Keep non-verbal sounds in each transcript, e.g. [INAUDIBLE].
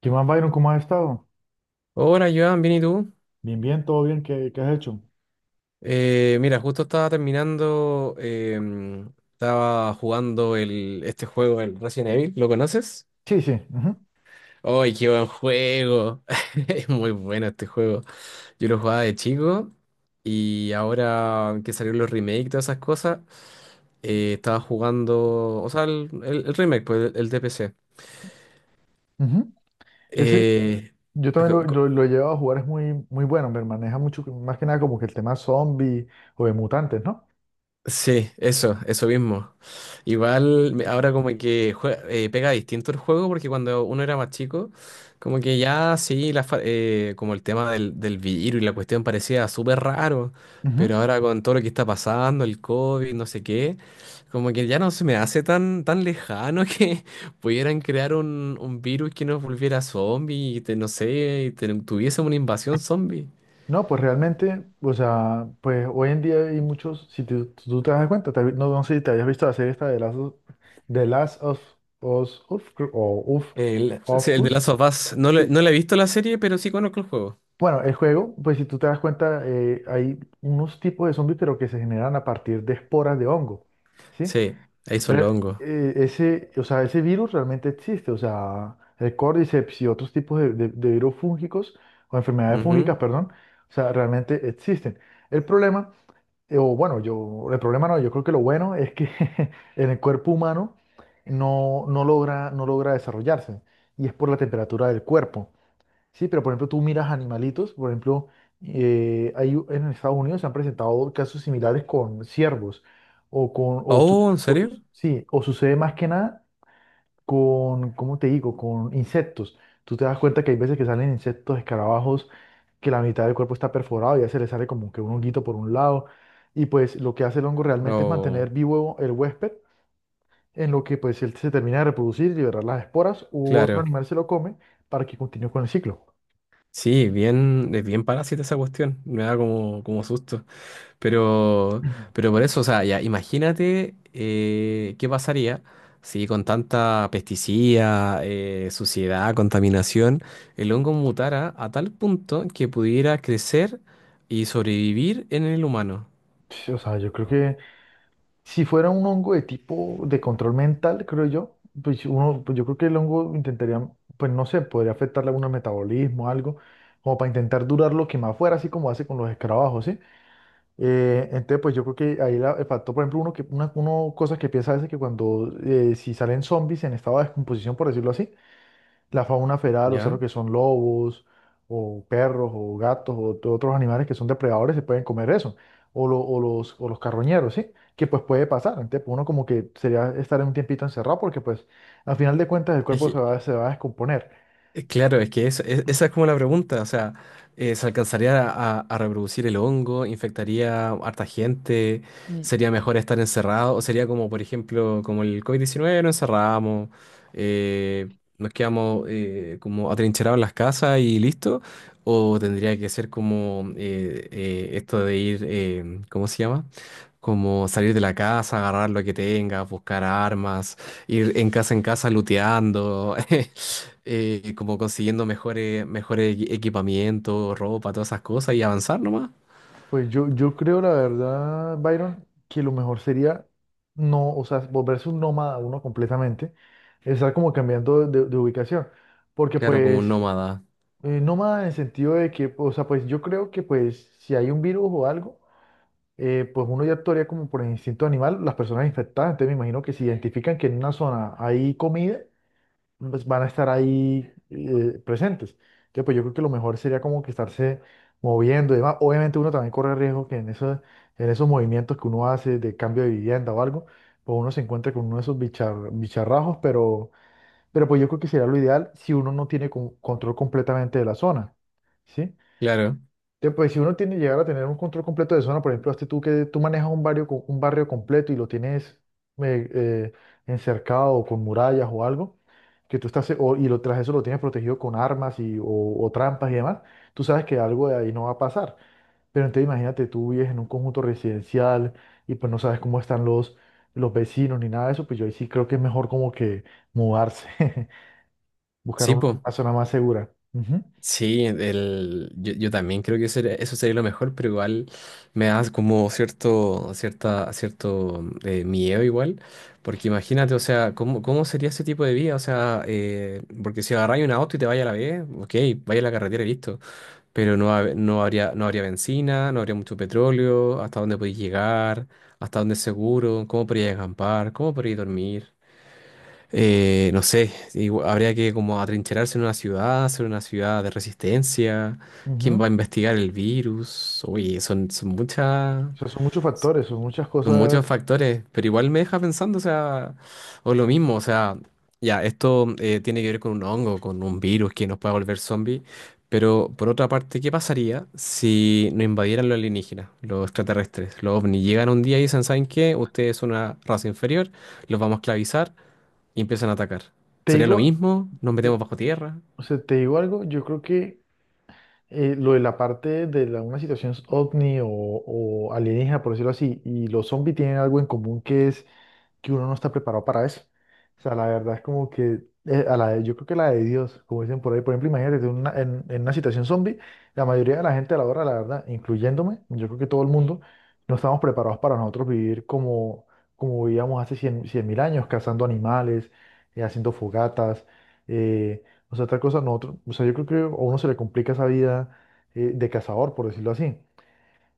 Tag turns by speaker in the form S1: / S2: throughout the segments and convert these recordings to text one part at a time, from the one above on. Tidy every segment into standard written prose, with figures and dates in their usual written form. S1: ¿Qué más, Byron? ¿Cómo has estado?
S2: Hola, Joan, bien, ¿y tú?
S1: Bien, bien, todo bien, ¿qué has hecho?
S2: Mira, justo estaba terminando, estaba jugando este juego, el Resident Evil, ¿lo conoces?
S1: Sí, sí. Ujú,
S2: ¡Ay, qué buen juego! [LAUGHS] Es muy bueno este juego. Yo lo jugaba de chico y ahora que salieron los remakes y todas esas cosas, estaba jugando, o sea, el remake, pues, el de PC.
S1: ujú. Ese,
S2: Eh,
S1: yo también lo he llevado a jugar, es muy bueno, me maneja mucho, más que nada como que el tema zombie o de mutantes, ¿no?
S2: Sí, eso mismo. Igual ahora como que pega distinto el juego porque cuando uno era más chico, como que ya sí, como el tema del virus y la cuestión parecía súper raro, pero
S1: Ujú.
S2: ahora con todo lo que está pasando, el COVID, no sé qué, como que ya no se me hace tan, tan lejano [LAUGHS] que pudieran crear un virus que nos volviera zombie y te, no sé, y tuviese una invasión zombie.
S1: No, pues realmente, o sea, pues hoy en día hay muchos, si tú te das cuenta, no, no sé si te habías visto la serie esta de las de Last of Us, o Uf,
S2: El, sí,
S1: of
S2: el de Last
S1: Us,
S2: of Us,
S1: sí.
S2: no le he visto la serie, pero sí conozco el juego.
S1: Bueno, el juego, pues si tú te das cuenta, hay unos tipos de zombies, pero que se generan a partir de esporas de hongo, ¿sí?
S2: Sí, ahí son los hongos.
S1: Ese, o sea, ese virus realmente existe, o sea, el Cordyceps y otros tipos de virus fúngicos, o enfermedades
S2: Ujú.
S1: fúngicas, perdón, o sea, realmente existen. El problema, el problema no, yo creo que lo bueno es que [LAUGHS] en el cuerpo humano no, no logra desarrollarse, y es por la temperatura del cuerpo. Sí, pero por ejemplo, tú miras animalitos, por ejemplo, en Estados Unidos se han presentado casos similares con ciervos, o con, o, su-
S2: Oh, ¿en
S1: o
S2: serio?
S1: sí, o sucede más que nada con, ¿cómo te digo?, con insectos. Tú te das cuenta que hay veces que salen insectos, escarabajos, que la mitad del cuerpo está perforado y ya se le sale como que un honguito por un lado. Y pues lo que hace el hongo realmente es
S2: Oh,
S1: mantener vivo el huésped, en lo que pues él se termina de reproducir, liberar las esporas, u otro
S2: claro.
S1: animal se lo come para que continúe con el ciclo.
S2: Sí, bien, es bien parásita esa cuestión. Me da como, como susto. Pero,
S1: [CLEARS THROAT]
S2: pero por eso, o sea, ya, imagínate, qué pasaría si con tanta pesticida, suciedad, contaminación, el hongo mutara a tal punto que pudiera crecer y sobrevivir en el humano.
S1: Sí, o sea, yo creo que si fuera un hongo de tipo de control mental, creo yo, pues uno, pues yo creo que el hongo intentaría, pues no sé, podría afectarle a algún metabolismo, algo, como para intentar durar lo que más fuera, así como hace con los escarabajos, ¿sí? Entonces, pues yo creo que ahí la, el factor, por ejemplo, uno cosa que piensa a veces que cuando, si salen zombies en estado de descomposición, por decirlo así, la fauna feral, o sea,
S2: ¿Ya?
S1: lo que son lobos o perros o gatos o otros animales que son depredadores se pueden comer eso, o los carroñeros, ¿sí? Que pues puede pasar, entonces pues, uno como que sería estar en un tiempito encerrado porque pues al final de cuentas el
S2: Es,
S1: cuerpo se va a descomponer.
S2: Claro, es que esa es como la pregunta, o sea, ¿se alcanzaría a reproducir el hongo? ¿Infectaría harta gente?
S1: Y
S2: ¿Sería mejor estar encerrado? ¿O sería como, por ejemplo, como el covid diecinueve, nos encerramos, eh, nos quedamos, como atrincherados en las casas y listo? ¿O tendría que ser como, esto de ir, ¿cómo se llama? Como salir de la casa, agarrar lo que tengas, buscar armas, ir en casa looteando, [LAUGHS] como consiguiendo mejores, equipamiento, ropa, todas esas cosas y avanzar nomás.
S1: pues yo creo la verdad, Byron, que lo mejor sería no, o sea, volverse un nómada uno completamente, estar como cambiando de ubicación, porque
S2: Claro, como
S1: pues...
S2: un nómada.
S1: No más en el sentido de que, o sea, pues yo creo que pues si hay un virus o algo, pues uno ya actuaría como por el instinto animal, las personas infectadas, entonces me imagino que si identifican que en una zona hay comida, pues van a estar ahí presentes. Entonces, pues yo creo que lo mejor sería como que estarse moviendo y demás. Obviamente uno también corre riesgo que en en esos movimientos que uno hace de cambio de vivienda o algo, pues uno se encuentre con uno de esos bicharrajos, pero... Pero pues yo creo que sería lo ideal si uno no tiene control completamente de la zona, ¿sí?
S2: Claro.
S1: Entonces, pues si uno tiene llegar a tener un control completo de zona, por ejemplo, este tú que tú manejas un barrio, un barrio completo y lo tienes eh, eh, encercado o con murallas o algo, que tú estás, y lo, tras eso lo tienes protegido con armas y, o trampas y demás, tú sabes que algo de ahí no va a pasar. Pero entonces imagínate, tú vives en un conjunto residencial y pues no sabes cómo están los vecinos ni nada de eso, pues yo ahí sí creo que es mejor como que mudarse. [LAUGHS] Buscar
S2: Sí, pues.
S1: una zona más segura. Ujú,
S2: Sí, el, yo también creo que eso, eso sería lo mejor, pero igual me da como cierto, cierta, cierto, miedo igual, porque imagínate, o sea, ¿cómo, cómo sería ese tipo de vida? O sea, porque si agarráis un auto y te vaya a la vez, ok, vaya a la carretera y listo, pero no, no habría, no habría benzina, no habría mucho petróleo, hasta dónde podéis llegar, hasta dónde es seguro, cómo podríais acampar, cómo podríais dormir. No sé, habría que como atrincherarse en una ciudad, hacer una ciudad de resistencia, quién va
S1: ujú.
S2: a investigar el virus, oye, son, son muchas,
S1: O sea, son muchos factores, son muchas
S2: son
S1: cosas.
S2: muchos factores, pero igual me deja pensando, o sea, o lo mismo, o sea, ya, esto, tiene que ver con un hongo, con un virus que nos puede volver zombie, pero por otra parte, ¿qué pasaría si nos invadieran los alienígenas, los extraterrestres, los ovnis? Llegan un día y dicen, ¿saben qué? Ustedes son una raza inferior, los vamos a esclavizar y empiezan a atacar.
S1: Te
S2: ¿Sería lo
S1: digo,
S2: mismo? ¿Nos metemos
S1: te-
S2: bajo tierra?
S1: te digo algo, yo creo que lo de la parte de la, una situación ovni o alienígena, por decirlo así, y los zombies tienen algo en común que es que uno no está preparado para eso. O sea, la verdad es como que yo creo que la de Dios, como dicen por ahí, por ejemplo, imagínate tú en una situación zombie, la mayoría de la gente a la hora, la verdad, incluyéndome, yo creo que todo el mundo, no estamos preparados para nosotros vivir como, como vivíamos hace 100.000 años, cazando animales, haciendo fogatas, o sea, otra cosa, nosotros, o sea, yo creo que a uno se le complica esa vida de cazador, por decirlo así.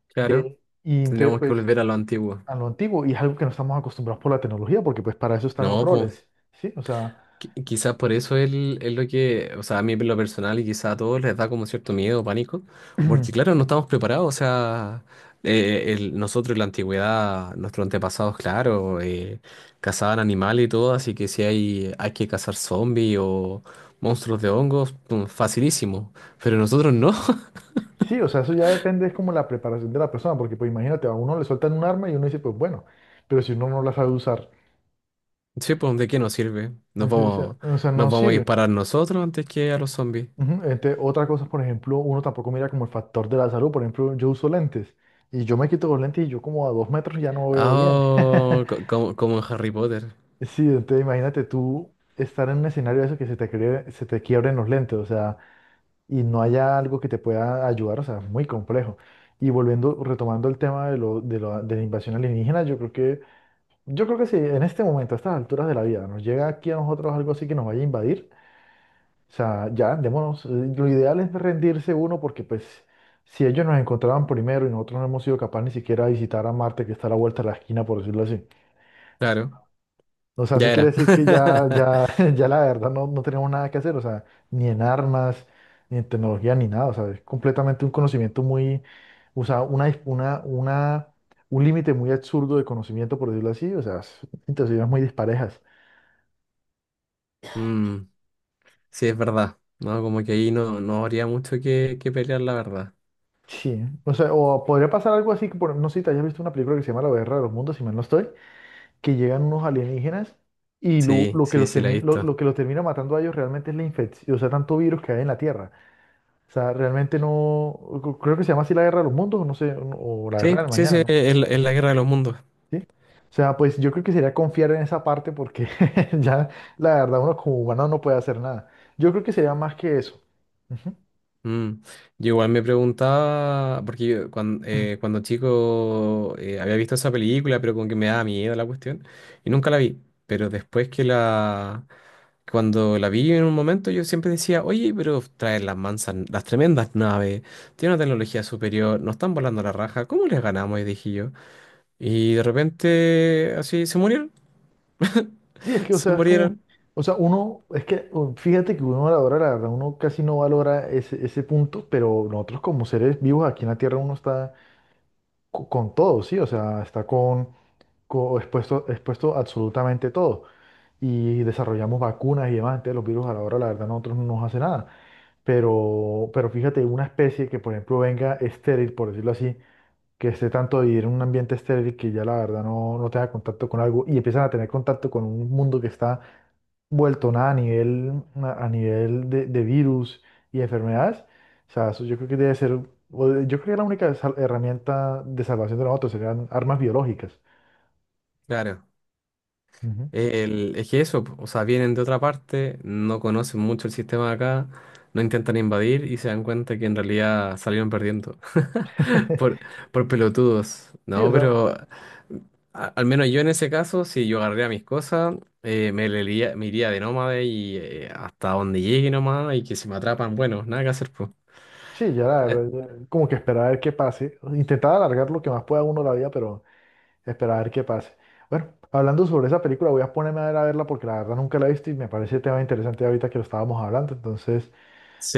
S2: Claro,
S1: Y entonces,
S2: tendríamos que
S1: pues,
S2: volver a lo antiguo.
S1: a lo antiguo y es algo que no estamos acostumbrados por la tecnología, porque pues para eso están los
S2: No, pues
S1: roles, ¿sí? O sea,
S2: quizás por eso él es lo que, o sea, a mí en lo personal y quizás a todos les da como cierto miedo, pánico, porque claro, no
S1: [CLEARS THROAT]
S2: estamos preparados, o sea, nosotros en la antigüedad, nuestros antepasados, claro, cazaban animales y todo, así que si hay, hay que cazar zombies o monstruos de hongos, pum, facilísimo, pero nosotros no. [LAUGHS]
S1: sí, o sea, eso ya depende, es como la preparación de la persona, porque pues imagínate, a uno le sueltan un arma y uno dice, pues bueno, pero si uno no la sabe usar,
S2: Sí, pues, ¿de qué nos sirve?
S1: entonces, o sea,
S2: Nos
S1: no
S2: vamos a
S1: sirve.
S2: disparar nosotros antes que a los zombies.
S1: Ujú, otra cosa, por ejemplo, uno tampoco mira como el factor de la salud, por ejemplo, yo uso lentes y yo me quito los lentes y yo como a 2 metros ya no veo bien.
S2: Ah,
S1: [LAUGHS]
S2: como, como en Harry Potter.
S1: Sí, entonces imagínate tú estar en un escenario de eso que se te, se te quiebren los lentes, o sea... Y no haya algo que te pueda ayudar, o sea, es muy complejo. Y volviendo, retomando el tema de la invasión alienígena, yo creo que si en este momento, a estas alturas de la vida, nos llega aquí a nosotros algo así que nos vaya a invadir, o sea, ya, démonos, lo ideal es rendirse uno porque pues si ellos nos encontraban primero y nosotros no hemos sido capaces ni siquiera de visitar a Marte, que está a la vuelta de la esquina, por decirlo así.
S2: Claro,
S1: O sea,
S2: ya
S1: eso
S2: era.
S1: quiere decir que ya,
S2: [LAUGHS]
S1: [LAUGHS] ya la verdad no, no tenemos nada que hacer, o sea, ni en armas, ni en tecnología, ni nada, o sea, es completamente un conocimiento muy, o sea, una, un límite muy absurdo de conocimiento, por decirlo así, situaciones muy disparejas.
S2: Mm, sí, es verdad. No, como que ahí no, no habría mucho que pelear, la verdad.
S1: Sí, o sea, o podría pasar algo así, que no sé si te hayas visto una película que se llama La Guerra de los Mundos, si mal no estoy, que llegan unos alienígenas y
S2: Sí, sí, sí, la he visto.
S1: lo que los termina matando a ellos realmente es la infección, o sea, tanto virus que hay en la Tierra. O sea, realmente no, creo que se llama así La Guerra de los Mundos, no sé, no, o La Guerra
S2: Sí,
S1: del
S2: sí,
S1: Mañana,
S2: sí,
S1: ¿no?
S2: es la guerra de los mundos.
S1: ¿Sí? O sea, pues yo creo que sería confiar en esa parte porque [LAUGHS] ya la verdad uno como humano no puede hacer nada. Yo creo que sería más que eso. Ujú.
S2: Mm. Yo igual me preguntaba, porque yo cuando, cuando chico, había visto esa película, pero como que me daba miedo la cuestión, y nunca la vi. Pero después que la, cuando la vi en un momento, yo siempre decía, oye, pero traen las mansas, las tremendas naves, tienen una tecnología superior, nos están volando la raja, ¿cómo les ganamos? Y dije yo. Y de repente, así, se murieron,
S1: Sí, es
S2: [LAUGHS]
S1: que, o
S2: se
S1: sea, es como,
S2: murieron.
S1: o sea, uno, es que fíjate que uno valora, la verdad, uno casi no valora ese punto, pero nosotros como seres vivos aquí en la Tierra uno está con, todo, ¿sí? O sea, está con, expuesto, expuesto a absolutamente todo. Y desarrollamos vacunas y demás, entonces los virus a la hora, la verdad, a nosotros no nos hace nada. Pero fíjate, una especie que, por ejemplo, venga estéril, por decirlo así, que esté tanto de vivir en un ambiente estéril que ya la verdad no, no tenga contacto con algo y empiezan a tener contacto con un mundo que está vuelto nada a nivel, a nivel de virus y enfermedades. O sea, eso yo creo que debe ser, yo creo que la única herramienta de salvación de nosotros serían armas biológicas.
S2: Claro.
S1: Ujú.
S2: El, es que eso, po, o sea, vienen de otra parte, no conocen mucho el sistema de acá, no intentan invadir y se dan cuenta que en realidad salieron perdiendo [LAUGHS] por,
S1: [LAUGHS]
S2: por pelotudos,
S1: Sí,
S2: ¿no?
S1: o sea,
S2: Pero al menos yo en ese caso, si yo agarraría mis cosas, me, me iría de nómade y hasta donde llegue nomás y que si me atrapan, bueno, nada que hacer, pues.
S1: sí, ya la
S2: Eh,
S1: verdad, como que esperar a ver qué pase. Intentar alargar lo que más pueda uno la vida, pero esperar a ver qué pase. Bueno, hablando sobre esa película, voy a ponerme a ver a verla porque la verdad nunca la he visto y me parece tema interesante ahorita que lo estábamos hablando. Entonces,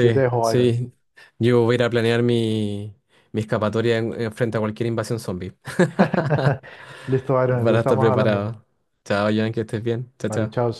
S1: yo te dejo, Byron.
S2: sí, yo voy a ir a planear mi, mi escapatoria en frente a cualquier invasión zombie. [LAUGHS]
S1: [LAUGHS] Listo, Byron, entonces
S2: Para estar
S1: estamos hablando.
S2: preparado. Chao, Joan, que estés bien. Chao,
S1: Vale, chao.
S2: chao.